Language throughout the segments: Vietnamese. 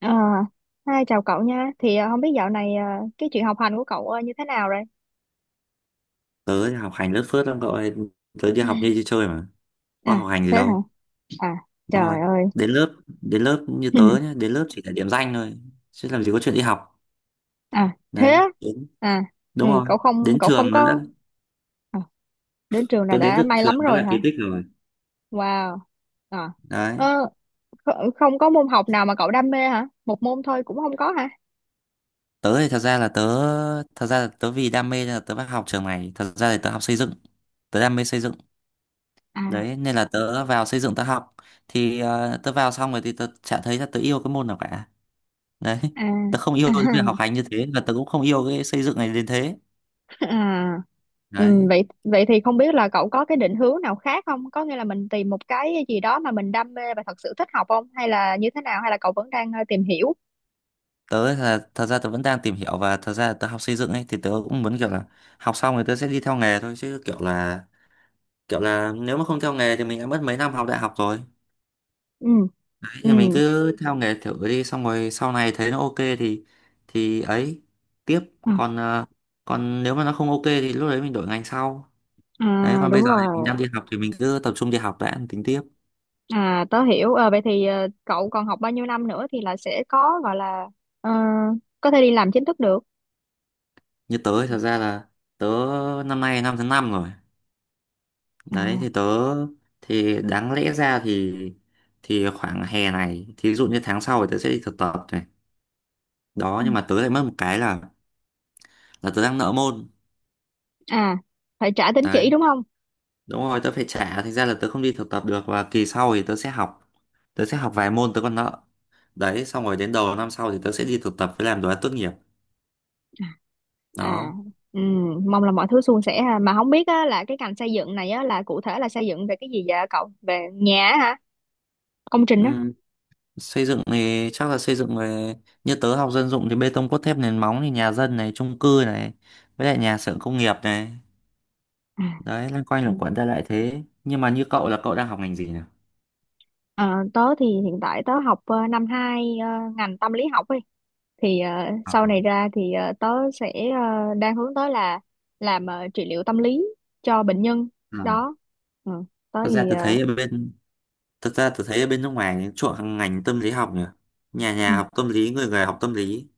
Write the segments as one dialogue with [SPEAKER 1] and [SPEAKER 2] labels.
[SPEAKER 1] À, hai chào cậu nha. Thì không biết dạo này cái chuyện học hành của cậu như thế nào rồi?
[SPEAKER 2] Tớ học hành lớt phớt lắm cậu ơi. Tớ đi học như đi chơi mà, có
[SPEAKER 1] À,
[SPEAKER 2] học hành gì
[SPEAKER 1] thế hả?
[SPEAKER 2] đâu.
[SPEAKER 1] À,
[SPEAKER 2] Đúng rồi,
[SPEAKER 1] trời ơi.
[SPEAKER 2] đến lớp đến lớp như tớ nhá, đến lớp chỉ là điểm danh thôi chứ làm gì có chuyện đi học.
[SPEAKER 1] À, thế
[SPEAKER 2] Đấy,
[SPEAKER 1] á?
[SPEAKER 2] đến,
[SPEAKER 1] À, ừ,
[SPEAKER 2] đúng rồi,
[SPEAKER 1] cậu không
[SPEAKER 2] đến
[SPEAKER 1] cậu không
[SPEAKER 2] trường nó
[SPEAKER 1] có
[SPEAKER 2] đã.
[SPEAKER 1] à, đến trường là
[SPEAKER 2] Tớ đến
[SPEAKER 1] đã
[SPEAKER 2] được
[SPEAKER 1] may
[SPEAKER 2] trường
[SPEAKER 1] lắm
[SPEAKER 2] nó
[SPEAKER 1] rồi
[SPEAKER 2] là
[SPEAKER 1] hả?
[SPEAKER 2] kỳ tích rồi.
[SPEAKER 1] Wow. À,
[SPEAKER 2] Đấy.
[SPEAKER 1] ờ, kh- không có môn học nào mà cậu đam mê hả? Một môn thôi cũng không có hả?
[SPEAKER 2] Tớ thì thật ra là tớ Thật ra là tớ vì đam mê nên là tớ phải học trường này. Thật ra thì tớ học xây dựng, tớ đam mê xây dựng.
[SPEAKER 1] À,
[SPEAKER 2] Đấy, nên là tớ vào xây dựng tớ học. Thì tớ vào xong rồi thì tớ chả thấy là tớ yêu cái môn nào cả. Đấy,
[SPEAKER 1] à,
[SPEAKER 2] tớ không yêu
[SPEAKER 1] à.
[SPEAKER 2] cái việc học hành như thế và tớ cũng không yêu cái xây dựng này đến thế.
[SPEAKER 1] À, ừ,
[SPEAKER 2] Đấy,
[SPEAKER 1] vậy vậy thì không biết là cậu có cái định hướng nào khác không? Có nghĩa là mình tìm một cái gì đó mà mình đam mê và thật sự thích học không? Hay là như thế nào? Hay là cậu vẫn đang tìm hiểu?
[SPEAKER 2] tớ ấy là, thật ra tớ vẫn đang tìm hiểu, và thật ra tớ học xây dựng ấy thì tớ cũng muốn kiểu là học xong rồi tớ sẽ đi theo nghề thôi. Chứ kiểu là nếu mà không theo nghề thì mình đã mất mấy năm học đại học rồi.
[SPEAKER 1] Ừ,
[SPEAKER 2] Đấy,
[SPEAKER 1] ừ.
[SPEAKER 2] thì mình cứ theo nghề thử đi, xong rồi sau này thấy nó ok thì ấy tiếp.
[SPEAKER 1] À,
[SPEAKER 2] Còn còn nếu mà nó không ok thì lúc đấy mình đổi ngành sau. Đấy,
[SPEAKER 1] à,
[SPEAKER 2] còn bây
[SPEAKER 1] đúng
[SPEAKER 2] giờ thì mình
[SPEAKER 1] rồi.
[SPEAKER 2] đang đi học thì mình cứ tập trung đi học đã, tính tiếp.
[SPEAKER 1] À, tớ hiểu. Ờ, vậy thì cậu còn học bao nhiêu năm nữa thì là sẽ có gọi là ờ, có thể đi làm chính thức được.
[SPEAKER 2] Như
[SPEAKER 1] Ừ.
[SPEAKER 2] tớ thì thật ra là tớ năm nay năm thứ năm rồi. Đấy
[SPEAKER 1] À,
[SPEAKER 2] thì tớ, thì đáng lẽ ra thì khoảng hè này, thí dụ như tháng sau thì tớ sẽ đi thực tập này. Đó,
[SPEAKER 1] ừ.
[SPEAKER 2] nhưng mà tớ lại mất một cái là tớ đang nợ môn.
[SPEAKER 1] À, phải trả tín
[SPEAKER 2] Đấy,
[SPEAKER 1] chỉ đúng không?
[SPEAKER 2] đúng rồi, tớ phải trả, thành ra là tớ không đi thực tập được, và kỳ sau thì tớ sẽ học, tớ sẽ học vài môn tớ còn nợ. Đấy, xong rồi đến đầu năm sau thì tớ sẽ đi thực tập với làm đồ án tốt nghiệp.
[SPEAKER 1] À,
[SPEAKER 2] Đó.
[SPEAKER 1] ừ, mong là mọi thứ suôn sẻ ha. Mà không biết á, là cái ngành xây dựng này á, là cụ thể là xây dựng về cái gì vậy cậu? Về nhà á hả? Công trình á?
[SPEAKER 2] Ừ. Xây dựng thì chắc là xây dựng về, như tớ học dân dụng thì bê tông cốt thép nền móng, thì nhà dân này, chung cư này, với lại nhà xưởng công nghiệp này.
[SPEAKER 1] À,
[SPEAKER 2] Đấy, loanh quanh luẩn
[SPEAKER 1] ừ.
[SPEAKER 2] quẩn ra lại thế. Nhưng mà như cậu là cậu đang học ngành gì nhỉ?
[SPEAKER 1] Ờ, tớ thì hiện tại tớ học năm 2 ngành tâm lý học ấy. Thì
[SPEAKER 2] À,
[SPEAKER 1] sau này ra thì tớ sẽ đang hướng tới là làm trị liệu tâm lý cho bệnh nhân
[SPEAKER 2] ừ.
[SPEAKER 1] đó. Ừ, tớ
[SPEAKER 2] Thật ra
[SPEAKER 1] thì ờ,
[SPEAKER 2] tôi thấy ở bên Thật ra tôi thấy ở bên nước ngoài chuộng ngành tâm lý học nhỉ, nhà nhà
[SPEAKER 1] ừ.
[SPEAKER 2] học tâm lý, người người học tâm lý.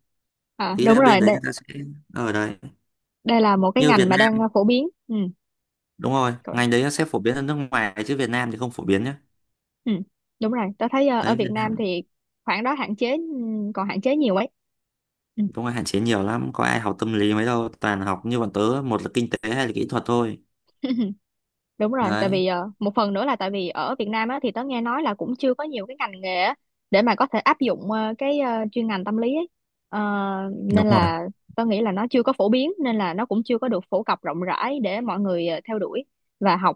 [SPEAKER 1] À,
[SPEAKER 2] Ý
[SPEAKER 1] đúng
[SPEAKER 2] là bên
[SPEAKER 1] rồi,
[SPEAKER 2] đấy
[SPEAKER 1] đây,
[SPEAKER 2] người ta sẽ, ở đấy,
[SPEAKER 1] đây là một cái
[SPEAKER 2] như
[SPEAKER 1] ngành
[SPEAKER 2] Việt
[SPEAKER 1] mà đang
[SPEAKER 2] Nam,
[SPEAKER 1] phổ biến.
[SPEAKER 2] đúng rồi,
[SPEAKER 1] Ừ.
[SPEAKER 2] ngành đấy nó sẽ phổ biến ở nước ngoài chứ Việt Nam thì không phổ biến nhé.
[SPEAKER 1] Ừ, đúng rồi, tôi thấy ở
[SPEAKER 2] Đấy
[SPEAKER 1] Việt
[SPEAKER 2] Việt
[SPEAKER 1] Nam
[SPEAKER 2] Nam.
[SPEAKER 1] thì khoảng đó hạn chế, ừ, còn hạn chế nhiều ấy. Ừ.
[SPEAKER 2] Công an hạn chế nhiều lắm, có ai học tâm lý mấy đâu, toàn học như bọn tớ, một là kinh tế hay là kỹ thuật thôi.
[SPEAKER 1] Đúng rồi, tại
[SPEAKER 2] Đấy.
[SPEAKER 1] vì một phần nữa là tại vì ở Việt Nam á, thì tớ nghe nói là cũng chưa có nhiều cái ngành nghề á, để mà có thể áp dụng cái chuyên ngành tâm lý ấy. Ờ,
[SPEAKER 2] Đúng
[SPEAKER 1] nên
[SPEAKER 2] rồi.
[SPEAKER 1] là tớ nghĩ là nó chưa có phổ biến nên là nó cũng chưa có được phổ cập rộng rãi để mọi người theo đuổi và học.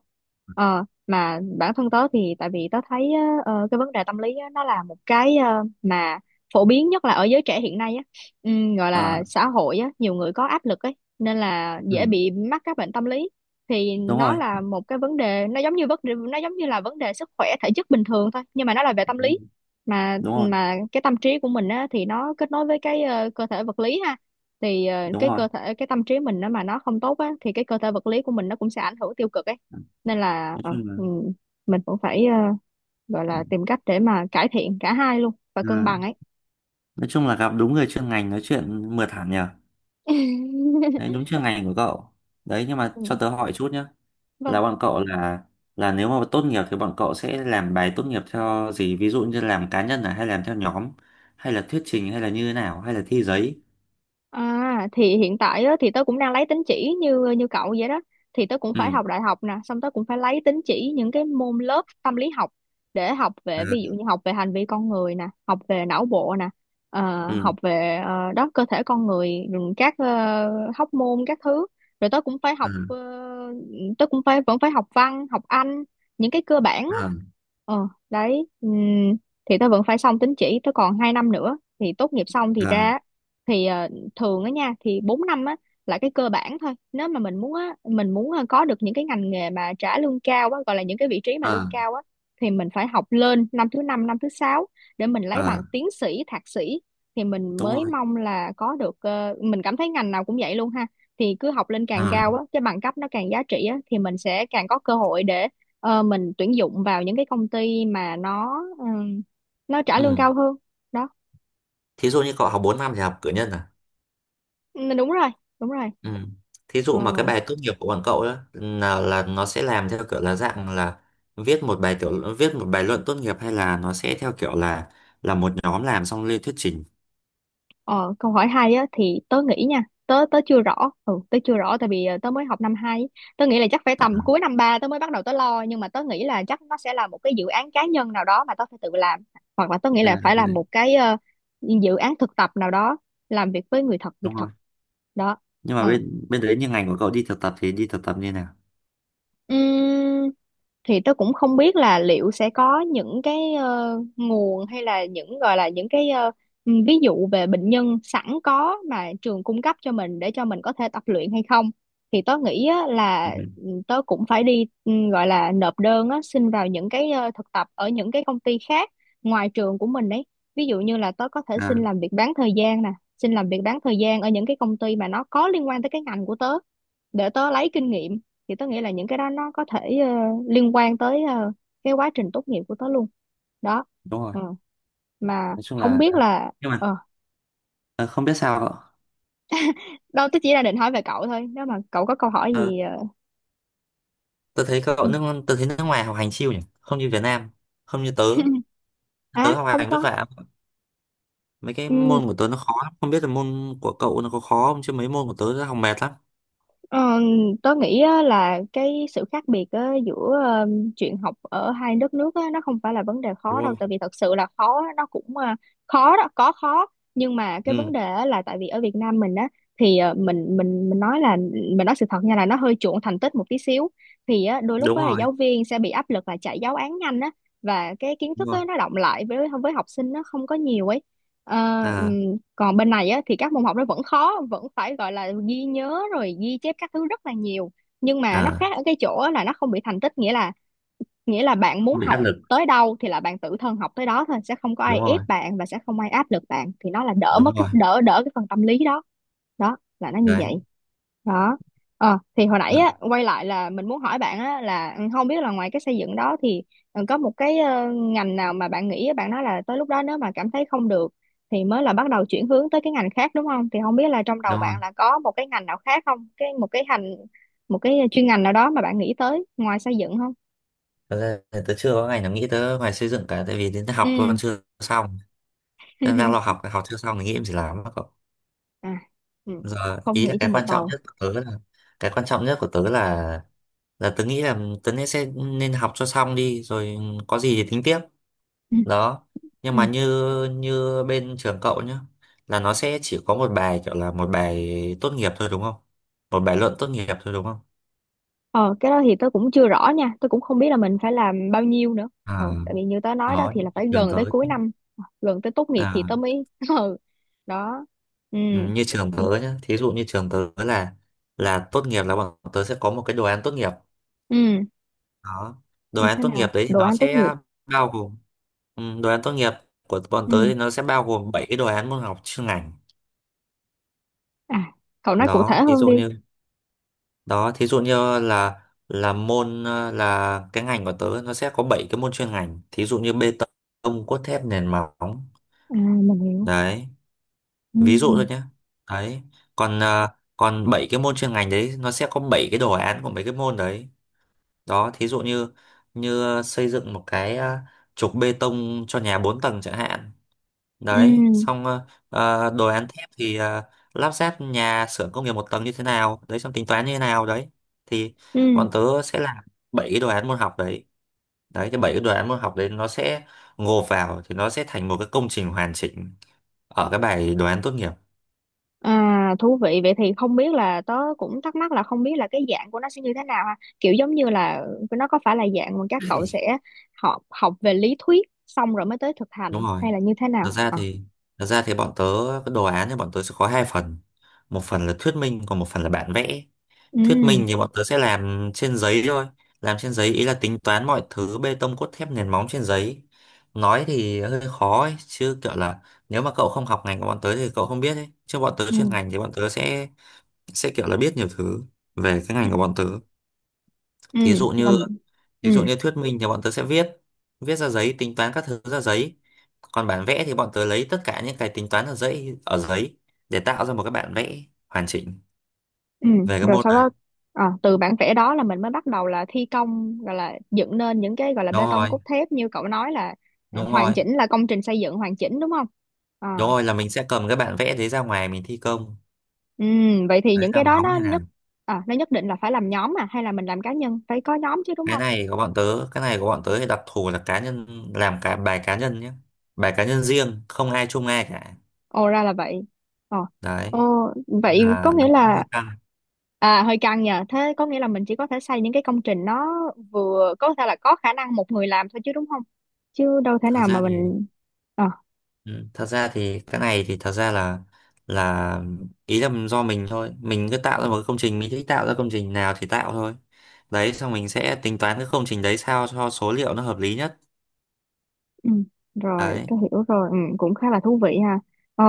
[SPEAKER 1] Ờ, mà bản thân tớ thì tại vì tớ thấy cái vấn đề tâm lý á, nó là một cái mà phổ biến nhất là ở giới trẻ hiện nay á, gọi là
[SPEAKER 2] À,
[SPEAKER 1] xã hội á, nhiều người có áp lực ấy nên là dễ
[SPEAKER 2] ừ,
[SPEAKER 1] bị mắc các bệnh tâm lý thì
[SPEAKER 2] đúng
[SPEAKER 1] nó
[SPEAKER 2] rồi,
[SPEAKER 1] là một cái vấn đề nó giống như là vấn đề sức khỏe thể chất bình thường thôi nhưng mà nó là về tâm
[SPEAKER 2] đúng.
[SPEAKER 1] lý mà
[SPEAKER 2] Đúng rồi,
[SPEAKER 1] cái tâm trí của mình á, thì nó kết nối với cái cơ thể vật lý ha thì ờ,
[SPEAKER 2] đúng
[SPEAKER 1] cái
[SPEAKER 2] rồi.
[SPEAKER 1] cơ thể cái tâm trí mình nó mà nó không tốt á, thì cái cơ thể vật lý của mình nó cũng sẽ ảnh hưởng tiêu cực ấy nên là
[SPEAKER 2] Nói
[SPEAKER 1] ờ,
[SPEAKER 2] chung là,
[SPEAKER 1] ừ, mình cũng phải gọi
[SPEAKER 2] ừ,
[SPEAKER 1] là tìm cách để mà cải thiện cả hai luôn và cân
[SPEAKER 2] à,
[SPEAKER 1] bằng ấy.
[SPEAKER 2] nói chung là gặp đúng người chuyên ngành nói chuyện mượt hẳn nhờ. Đấy, đúng chuyên ngành của cậu. Đấy, nhưng mà
[SPEAKER 1] Ừ,
[SPEAKER 2] cho tớ hỏi chút nhá.
[SPEAKER 1] vâng.
[SPEAKER 2] Là bọn cậu Là nếu mà tốt nghiệp thì bọn cậu sẽ làm bài tốt nghiệp theo gì? Ví dụ như làm cá nhân à, hay làm theo nhóm, hay là thuyết trình, hay là như thế nào, hay là thi giấy?
[SPEAKER 1] À, thì hiện tại á, thì tớ cũng đang lấy tín chỉ như như cậu vậy đó thì tớ cũng
[SPEAKER 2] Ừ.
[SPEAKER 1] phải học đại học nè xong tớ cũng phải lấy tín chỉ những cái môn lớp tâm lý học để học về ví dụ
[SPEAKER 2] Ừ.
[SPEAKER 1] như học về hành vi con người nè học về não bộ nè học
[SPEAKER 2] Ừ.
[SPEAKER 1] về đó cơ thể con người rồi các hóc môn các thứ rồi tớ cũng phải học
[SPEAKER 2] Ừ.
[SPEAKER 1] tớ cũng phải vẫn phải học văn học Anh những cái cơ bản á
[SPEAKER 2] Ừ.
[SPEAKER 1] ờ đấy thì tớ vẫn phải xong tín chỉ tớ còn hai năm nữa thì tốt nghiệp xong thì
[SPEAKER 2] À.
[SPEAKER 1] ra thì thường á nha thì 4 năm á là cái cơ bản thôi nếu mà mình muốn á mình muốn có được những cái ngành nghề mà trả lương cao á gọi là những cái vị trí mà lương
[SPEAKER 2] À.
[SPEAKER 1] cao á thì mình phải học lên năm thứ năm năm thứ sáu để mình lấy bằng
[SPEAKER 2] À.
[SPEAKER 1] tiến sĩ thạc sĩ thì mình
[SPEAKER 2] Đúng
[SPEAKER 1] mới
[SPEAKER 2] rồi.
[SPEAKER 1] mong là có được mình cảm thấy ngành nào cũng vậy luôn ha thì cứ học lên
[SPEAKER 2] Ừ,
[SPEAKER 1] càng
[SPEAKER 2] à.
[SPEAKER 1] cao á cái bằng cấp nó càng giá trị á thì mình sẽ càng có cơ hội để mình tuyển dụng vào những cái công ty mà nó trả lương
[SPEAKER 2] Ừ.
[SPEAKER 1] cao hơn đó.
[SPEAKER 2] Thí dụ như cậu học 4 năm thì học cử nhân à?
[SPEAKER 1] Ừ, đúng rồi
[SPEAKER 2] Ừ. Thí
[SPEAKER 1] ừ.
[SPEAKER 2] dụ mà cái bài tốt nghiệp của bọn cậu đó là nó sẽ làm theo kiểu là dạng là viết một bài tiểu, viết một bài luận tốt nghiệp, hay là nó sẽ theo kiểu là một nhóm làm xong lên thuyết trình?
[SPEAKER 1] Ờ, câu hỏi hay á thì tớ nghĩ nha, tớ tớ chưa rõ. Ừ, tớ chưa rõ tại vì tớ mới học năm 2. Tớ nghĩ là chắc phải tầm
[SPEAKER 2] À,
[SPEAKER 1] cuối năm 3 tớ mới bắt đầu tớ lo nhưng mà tớ nghĩ là chắc nó sẽ là một cái dự án cá nhân nào đó mà tớ phải tự làm hoặc là tớ nghĩ là
[SPEAKER 2] à
[SPEAKER 1] phải
[SPEAKER 2] cái
[SPEAKER 1] là
[SPEAKER 2] đấy,
[SPEAKER 1] một cái dự án thực tập nào đó làm việc với người thật, việc
[SPEAKER 2] đúng
[SPEAKER 1] thật
[SPEAKER 2] rồi.
[SPEAKER 1] đó.
[SPEAKER 2] Nhưng mà bên bên đấy như ngành của cậu đi thực tập thì đi thực tập như nào?
[SPEAKER 1] Ừ. Thì tôi cũng không biết là liệu sẽ có những cái nguồn hay là những gọi là những cái ừ, ví dụ về bệnh nhân sẵn có mà trường cung cấp cho mình để cho mình có thể tập luyện hay không thì tôi nghĩ á, là
[SPEAKER 2] Ừ.
[SPEAKER 1] tôi cũng phải đi gọi là nộp đơn á, xin vào những cái thực tập ở những cái công ty khác ngoài trường của mình đấy ví dụ như là tôi có thể xin
[SPEAKER 2] À.
[SPEAKER 1] làm việc bán thời gian nè xin làm việc bán thời gian ở những cái công ty mà nó có liên quan tới cái ngành của tớ để tớ lấy kinh nghiệm thì tớ nghĩ là những cái đó nó có thể liên quan tới cái quá trình tốt nghiệp của tớ luôn đó
[SPEAKER 2] Đúng rồi.
[SPEAKER 1] ừ. Mà
[SPEAKER 2] Nói chung
[SPEAKER 1] không
[SPEAKER 2] là,
[SPEAKER 1] biết là
[SPEAKER 2] nhưng mà
[SPEAKER 1] ờ
[SPEAKER 2] ờ, không biết sao cậu.
[SPEAKER 1] đâu tớ chỉ là định hỏi về cậu thôi nếu mà cậu có câu hỏi
[SPEAKER 2] Ờ,
[SPEAKER 1] gì ờ,
[SPEAKER 2] Tớ thấy cậu nước, tớ thấy nước ngoài học hành chill nhỉ, không như Việt Nam, không như tớ.
[SPEAKER 1] à
[SPEAKER 2] Tớ học
[SPEAKER 1] không
[SPEAKER 2] hành
[SPEAKER 1] có.
[SPEAKER 2] vất vả, mấy cái
[SPEAKER 1] Ừ,
[SPEAKER 2] môn của tớ nó khó lắm. Không biết là môn của cậu nó có khó không, chứ mấy môn của tớ nó học mệt lắm.
[SPEAKER 1] Ờ, tớ nghĩ á, là cái sự khác biệt á, giữa chuyện học ở hai đất nước á, nó không phải là vấn đề khó
[SPEAKER 2] Đúng
[SPEAKER 1] đâu
[SPEAKER 2] không?
[SPEAKER 1] tại vì thật sự là khó á, nó cũng khó đó có khó nhưng mà cái
[SPEAKER 2] Ừ.
[SPEAKER 1] vấn đề á, là tại vì ở Việt Nam mình á thì mình nói là mình nói sự thật nha là nó hơi chuộng thành tích một tí xíu thì á, đôi lúc
[SPEAKER 2] Đúng
[SPEAKER 1] á, là
[SPEAKER 2] rồi.
[SPEAKER 1] giáo viên sẽ bị áp lực là chạy giáo án nhanh á và cái kiến
[SPEAKER 2] Đúng
[SPEAKER 1] thức á,
[SPEAKER 2] rồi.
[SPEAKER 1] nó đọng lại với học sinh nó không có nhiều ấy. Ờ,
[SPEAKER 2] À.
[SPEAKER 1] còn bên này á, thì các môn học nó vẫn khó vẫn phải gọi là ghi nhớ rồi ghi chép các thứ rất là nhiều nhưng mà nó
[SPEAKER 2] À,
[SPEAKER 1] khác ở cái chỗ á là nó không bị thành tích nghĩa là bạn muốn
[SPEAKER 2] không bị
[SPEAKER 1] học
[SPEAKER 2] áp lực.
[SPEAKER 1] tới đâu thì là bạn tự thân học tới đó thôi sẽ không có ai
[SPEAKER 2] Đúng
[SPEAKER 1] ép
[SPEAKER 2] rồi.
[SPEAKER 1] bạn và sẽ không ai áp lực bạn thì nó là đỡ mất
[SPEAKER 2] Đúng
[SPEAKER 1] cái
[SPEAKER 2] rồi.
[SPEAKER 1] đỡ đỡ cái phần tâm lý đó đó là nó như vậy
[SPEAKER 2] Đấy.
[SPEAKER 1] đó. Ờ thì hồi nãy
[SPEAKER 2] Ừ,
[SPEAKER 1] á quay lại là mình muốn hỏi bạn á là ừ, không biết là ngoài cái xây dựng đó thì ừ, có một cái ngành nào mà bạn nghĩ bạn nói là tới lúc đó nếu mà cảm thấy không được thì mới là bắt đầu chuyển hướng tới cái ngành khác đúng không thì không biết là trong đầu
[SPEAKER 2] đúng rồi.
[SPEAKER 1] bạn là có một cái ngành nào khác không cái một cái hành một cái chuyên ngành nào đó mà bạn nghĩ tới ngoài xây dựng không.
[SPEAKER 2] Thật ra thì tớ chưa có ngày nào nghĩ tớ ngoài xây dựng cả, tại vì đến tớ học
[SPEAKER 1] Ừ
[SPEAKER 2] tôi còn chưa xong, nên đang lo học, học chưa xong thì nghĩ em gì làm đó cậu.
[SPEAKER 1] à ừ.
[SPEAKER 2] Giờ
[SPEAKER 1] Không
[SPEAKER 2] ý là
[SPEAKER 1] nghĩ cho
[SPEAKER 2] cái
[SPEAKER 1] mệt
[SPEAKER 2] quan trọng
[SPEAKER 1] đầu.
[SPEAKER 2] nhất của tớ là, cái quan trọng nhất của tớ là tớ nghĩ là tớ nên sẽ nên học cho xong đi rồi có gì thì tính tiếp.
[SPEAKER 1] ừ.
[SPEAKER 2] Đó, nhưng
[SPEAKER 1] Ừ.
[SPEAKER 2] mà như như bên trường cậu nhá, là nó sẽ chỉ có một bài, kiểu là một bài tốt nghiệp thôi đúng không, một bài luận tốt nghiệp thôi đúng không?
[SPEAKER 1] Ờ cái đó thì tớ cũng chưa rõ nha tớ cũng không biết là mình phải làm bao nhiêu nữa
[SPEAKER 2] À,
[SPEAKER 1] ờ tại vì như tớ nói đó
[SPEAKER 2] đó
[SPEAKER 1] thì là
[SPEAKER 2] như
[SPEAKER 1] phải
[SPEAKER 2] trường
[SPEAKER 1] gần
[SPEAKER 2] tớ.
[SPEAKER 1] tới cuối năm gần tới tốt nghiệp thì
[SPEAKER 2] À,
[SPEAKER 1] tớ mới ừ đó ừ
[SPEAKER 2] ừ, như trường tớ nhá, thí dụ như trường tớ là tốt nghiệp là bọn tớ sẽ có một cái đồ án tốt nghiệp.
[SPEAKER 1] ừ
[SPEAKER 2] Đó, đồ
[SPEAKER 1] như
[SPEAKER 2] án
[SPEAKER 1] thế
[SPEAKER 2] tốt
[SPEAKER 1] nào
[SPEAKER 2] nghiệp đấy thì
[SPEAKER 1] đồ
[SPEAKER 2] nó
[SPEAKER 1] án tốt nghiệp
[SPEAKER 2] sẽ bao gồm, ừ, đồ án tốt nghiệp của bọn tớ
[SPEAKER 1] ừ
[SPEAKER 2] thì nó sẽ bao gồm 7 cái đồ án môn học chuyên ngành.
[SPEAKER 1] à cậu nói cụ
[SPEAKER 2] Đó
[SPEAKER 1] thể
[SPEAKER 2] thí
[SPEAKER 1] hơn
[SPEAKER 2] dụ
[SPEAKER 1] đi
[SPEAKER 2] như, đó thí dụ như là là môn là cái ngành của tớ nó sẽ có 7 cái môn chuyên ngành, thí dụ như bê tông cốt thép nền móng.
[SPEAKER 1] à mình hiểu
[SPEAKER 2] Đấy,
[SPEAKER 1] ừ
[SPEAKER 2] ví dụ thôi nhé. Đấy, còn còn 7 cái môn chuyên ngành đấy nó sẽ có 7 cái đồ án của mấy cái môn đấy. Đó thí dụ như, như xây dựng một cái trục bê tông cho nhà 4 tầng chẳng hạn.
[SPEAKER 1] ừ
[SPEAKER 2] Đấy, xong đồ án thép thì lắp ráp nhà xưởng công nghiệp một tầng như thế nào đấy, xong tính toán như thế nào đấy. Thì
[SPEAKER 1] ừ.
[SPEAKER 2] bọn tớ sẽ làm bảy cái đồ án môn học đấy. Đấy, cái bảy cái đồ án môn học đấy nó sẽ gộp vào thì nó sẽ thành một cái công trình hoàn chỉnh ở cái bài đồ án tốt nghiệp.
[SPEAKER 1] À, thú vị vậy thì không biết là tớ cũng thắc mắc là không biết là cái dạng của nó sẽ như thế nào ha kiểu giống như là nó có phải là dạng mà các cậu sẽ học học về lý thuyết xong rồi mới tới thực
[SPEAKER 2] Đúng
[SPEAKER 1] hành
[SPEAKER 2] rồi.
[SPEAKER 1] hay là như thế
[SPEAKER 2] thật
[SPEAKER 1] nào
[SPEAKER 2] ra
[SPEAKER 1] à.
[SPEAKER 2] thì Thật ra thì bọn tớ, cái đồ án thì bọn tớ sẽ có hai phần, một phần là thuyết minh, còn một phần là bản vẽ. Thuyết
[SPEAKER 1] Ừ
[SPEAKER 2] minh thì bọn tớ sẽ làm trên giấy thôi. Làm trên giấy ý là tính toán mọi thứ bê tông cốt thép nền móng trên giấy. Nói thì hơi khó ấy, chứ kiểu là nếu mà cậu không học ngành của bọn tớ thì cậu không biết ấy. Chứ bọn tớ chuyên
[SPEAKER 1] ừ
[SPEAKER 2] ngành thì bọn tớ sẽ kiểu là biết nhiều thứ về cái ngành của bọn tớ.
[SPEAKER 1] ừ
[SPEAKER 2] Thí dụ như,
[SPEAKER 1] làm ừ
[SPEAKER 2] thí dụ như thuyết minh thì bọn tớ sẽ viết, viết ra giấy, tính toán các thứ ra giấy. Còn bản vẽ thì bọn tớ lấy tất cả những cái tính toán ở giấy để tạo ra một cái bản vẽ hoàn chỉnh
[SPEAKER 1] ừ
[SPEAKER 2] về cái
[SPEAKER 1] rồi
[SPEAKER 2] môn
[SPEAKER 1] sau đó
[SPEAKER 2] này.
[SPEAKER 1] à, từ bản vẽ đó là mình mới bắt đầu là thi công gọi là dựng nên những cái gọi là
[SPEAKER 2] Đúng
[SPEAKER 1] bê tông
[SPEAKER 2] rồi,
[SPEAKER 1] cốt thép như cậu nói là à,
[SPEAKER 2] đúng
[SPEAKER 1] hoàn
[SPEAKER 2] rồi.
[SPEAKER 1] chỉnh là công trình xây dựng hoàn chỉnh đúng không. Ờ.
[SPEAKER 2] Đúng rồi, là mình sẽ cầm cái bản vẽ đấy ra ngoài mình thi công.
[SPEAKER 1] Ừ, vậy thì
[SPEAKER 2] Đấy
[SPEAKER 1] những
[SPEAKER 2] là
[SPEAKER 1] cái đó
[SPEAKER 2] móng
[SPEAKER 1] nó
[SPEAKER 2] như nào.
[SPEAKER 1] nhất à, nó nhất định là phải làm nhóm à hay là mình làm cá nhân phải có nhóm chứ đúng
[SPEAKER 2] cái
[SPEAKER 1] không?
[SPEAKER 2] này có bọn tớ cái này của bọn tớ thì đặc thù là cá nhân, làm cả bài cá nhân nhé, bài cá nhân riêng không ai chung ai cả.
[SPEAKER 1] Ồ ra là vậy. Ồ,
[SPEAKER 2] Đấy,
[SPEAKER 1] ồ
[SPEAKER 2] nên
[SPEAKER 1] vậy có
[SPEAKER 2] là nó
[SPEAKER 1] nghĩa
[SPEAKER 2] cũng
[SPEAKER 1] là
[SPEAKER 2] hơi căng.
[SPEAKER 1] à hơi căng nhờ. Thế có nghĩa là mình chỉ có thể xây những cái công trình nó vừa có thể là có khả năng một người làm thôi chứ đúng không? Chứ đâu thể
[SPEAKER 2] Thật
[SPEAKER 1] nào mà
[SPEAKER 2] ra thì
[SPEAKER 1] mình ờ.
[SPEAKER 2] Ừ, thật ra thì cái này thì thật ra là ý là do mình thôi, mình cứ tạo ra một cái công trình, mình thích tạo ra công trình nào thì tạo thôi. Đấy, xong mình sẽ tính toán cái công trình đấy sao cho số liệu nó hợp lý nhất.
[SPEAKER 1] Ừ, rồi
[SPEAKER 2] Đấy.
[SPEAKER 1] tôi hiểu rồi ừ, cũng khá là thú vị ha ờ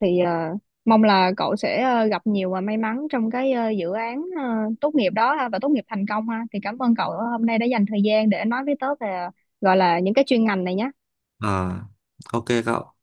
[SPEAKER 1] thì mong là cậu sẽ gặp nhiều và may mắn trong cái dự án tốt nghiệp đó ha, và tốt nghiệp thành công ha thì cảm ơn cậu hôm nay đã dành thời gian để nói với tớ về gọi là những cái chuyên ngành này nhé.
[SPEAKER 2] ờ ok cậu.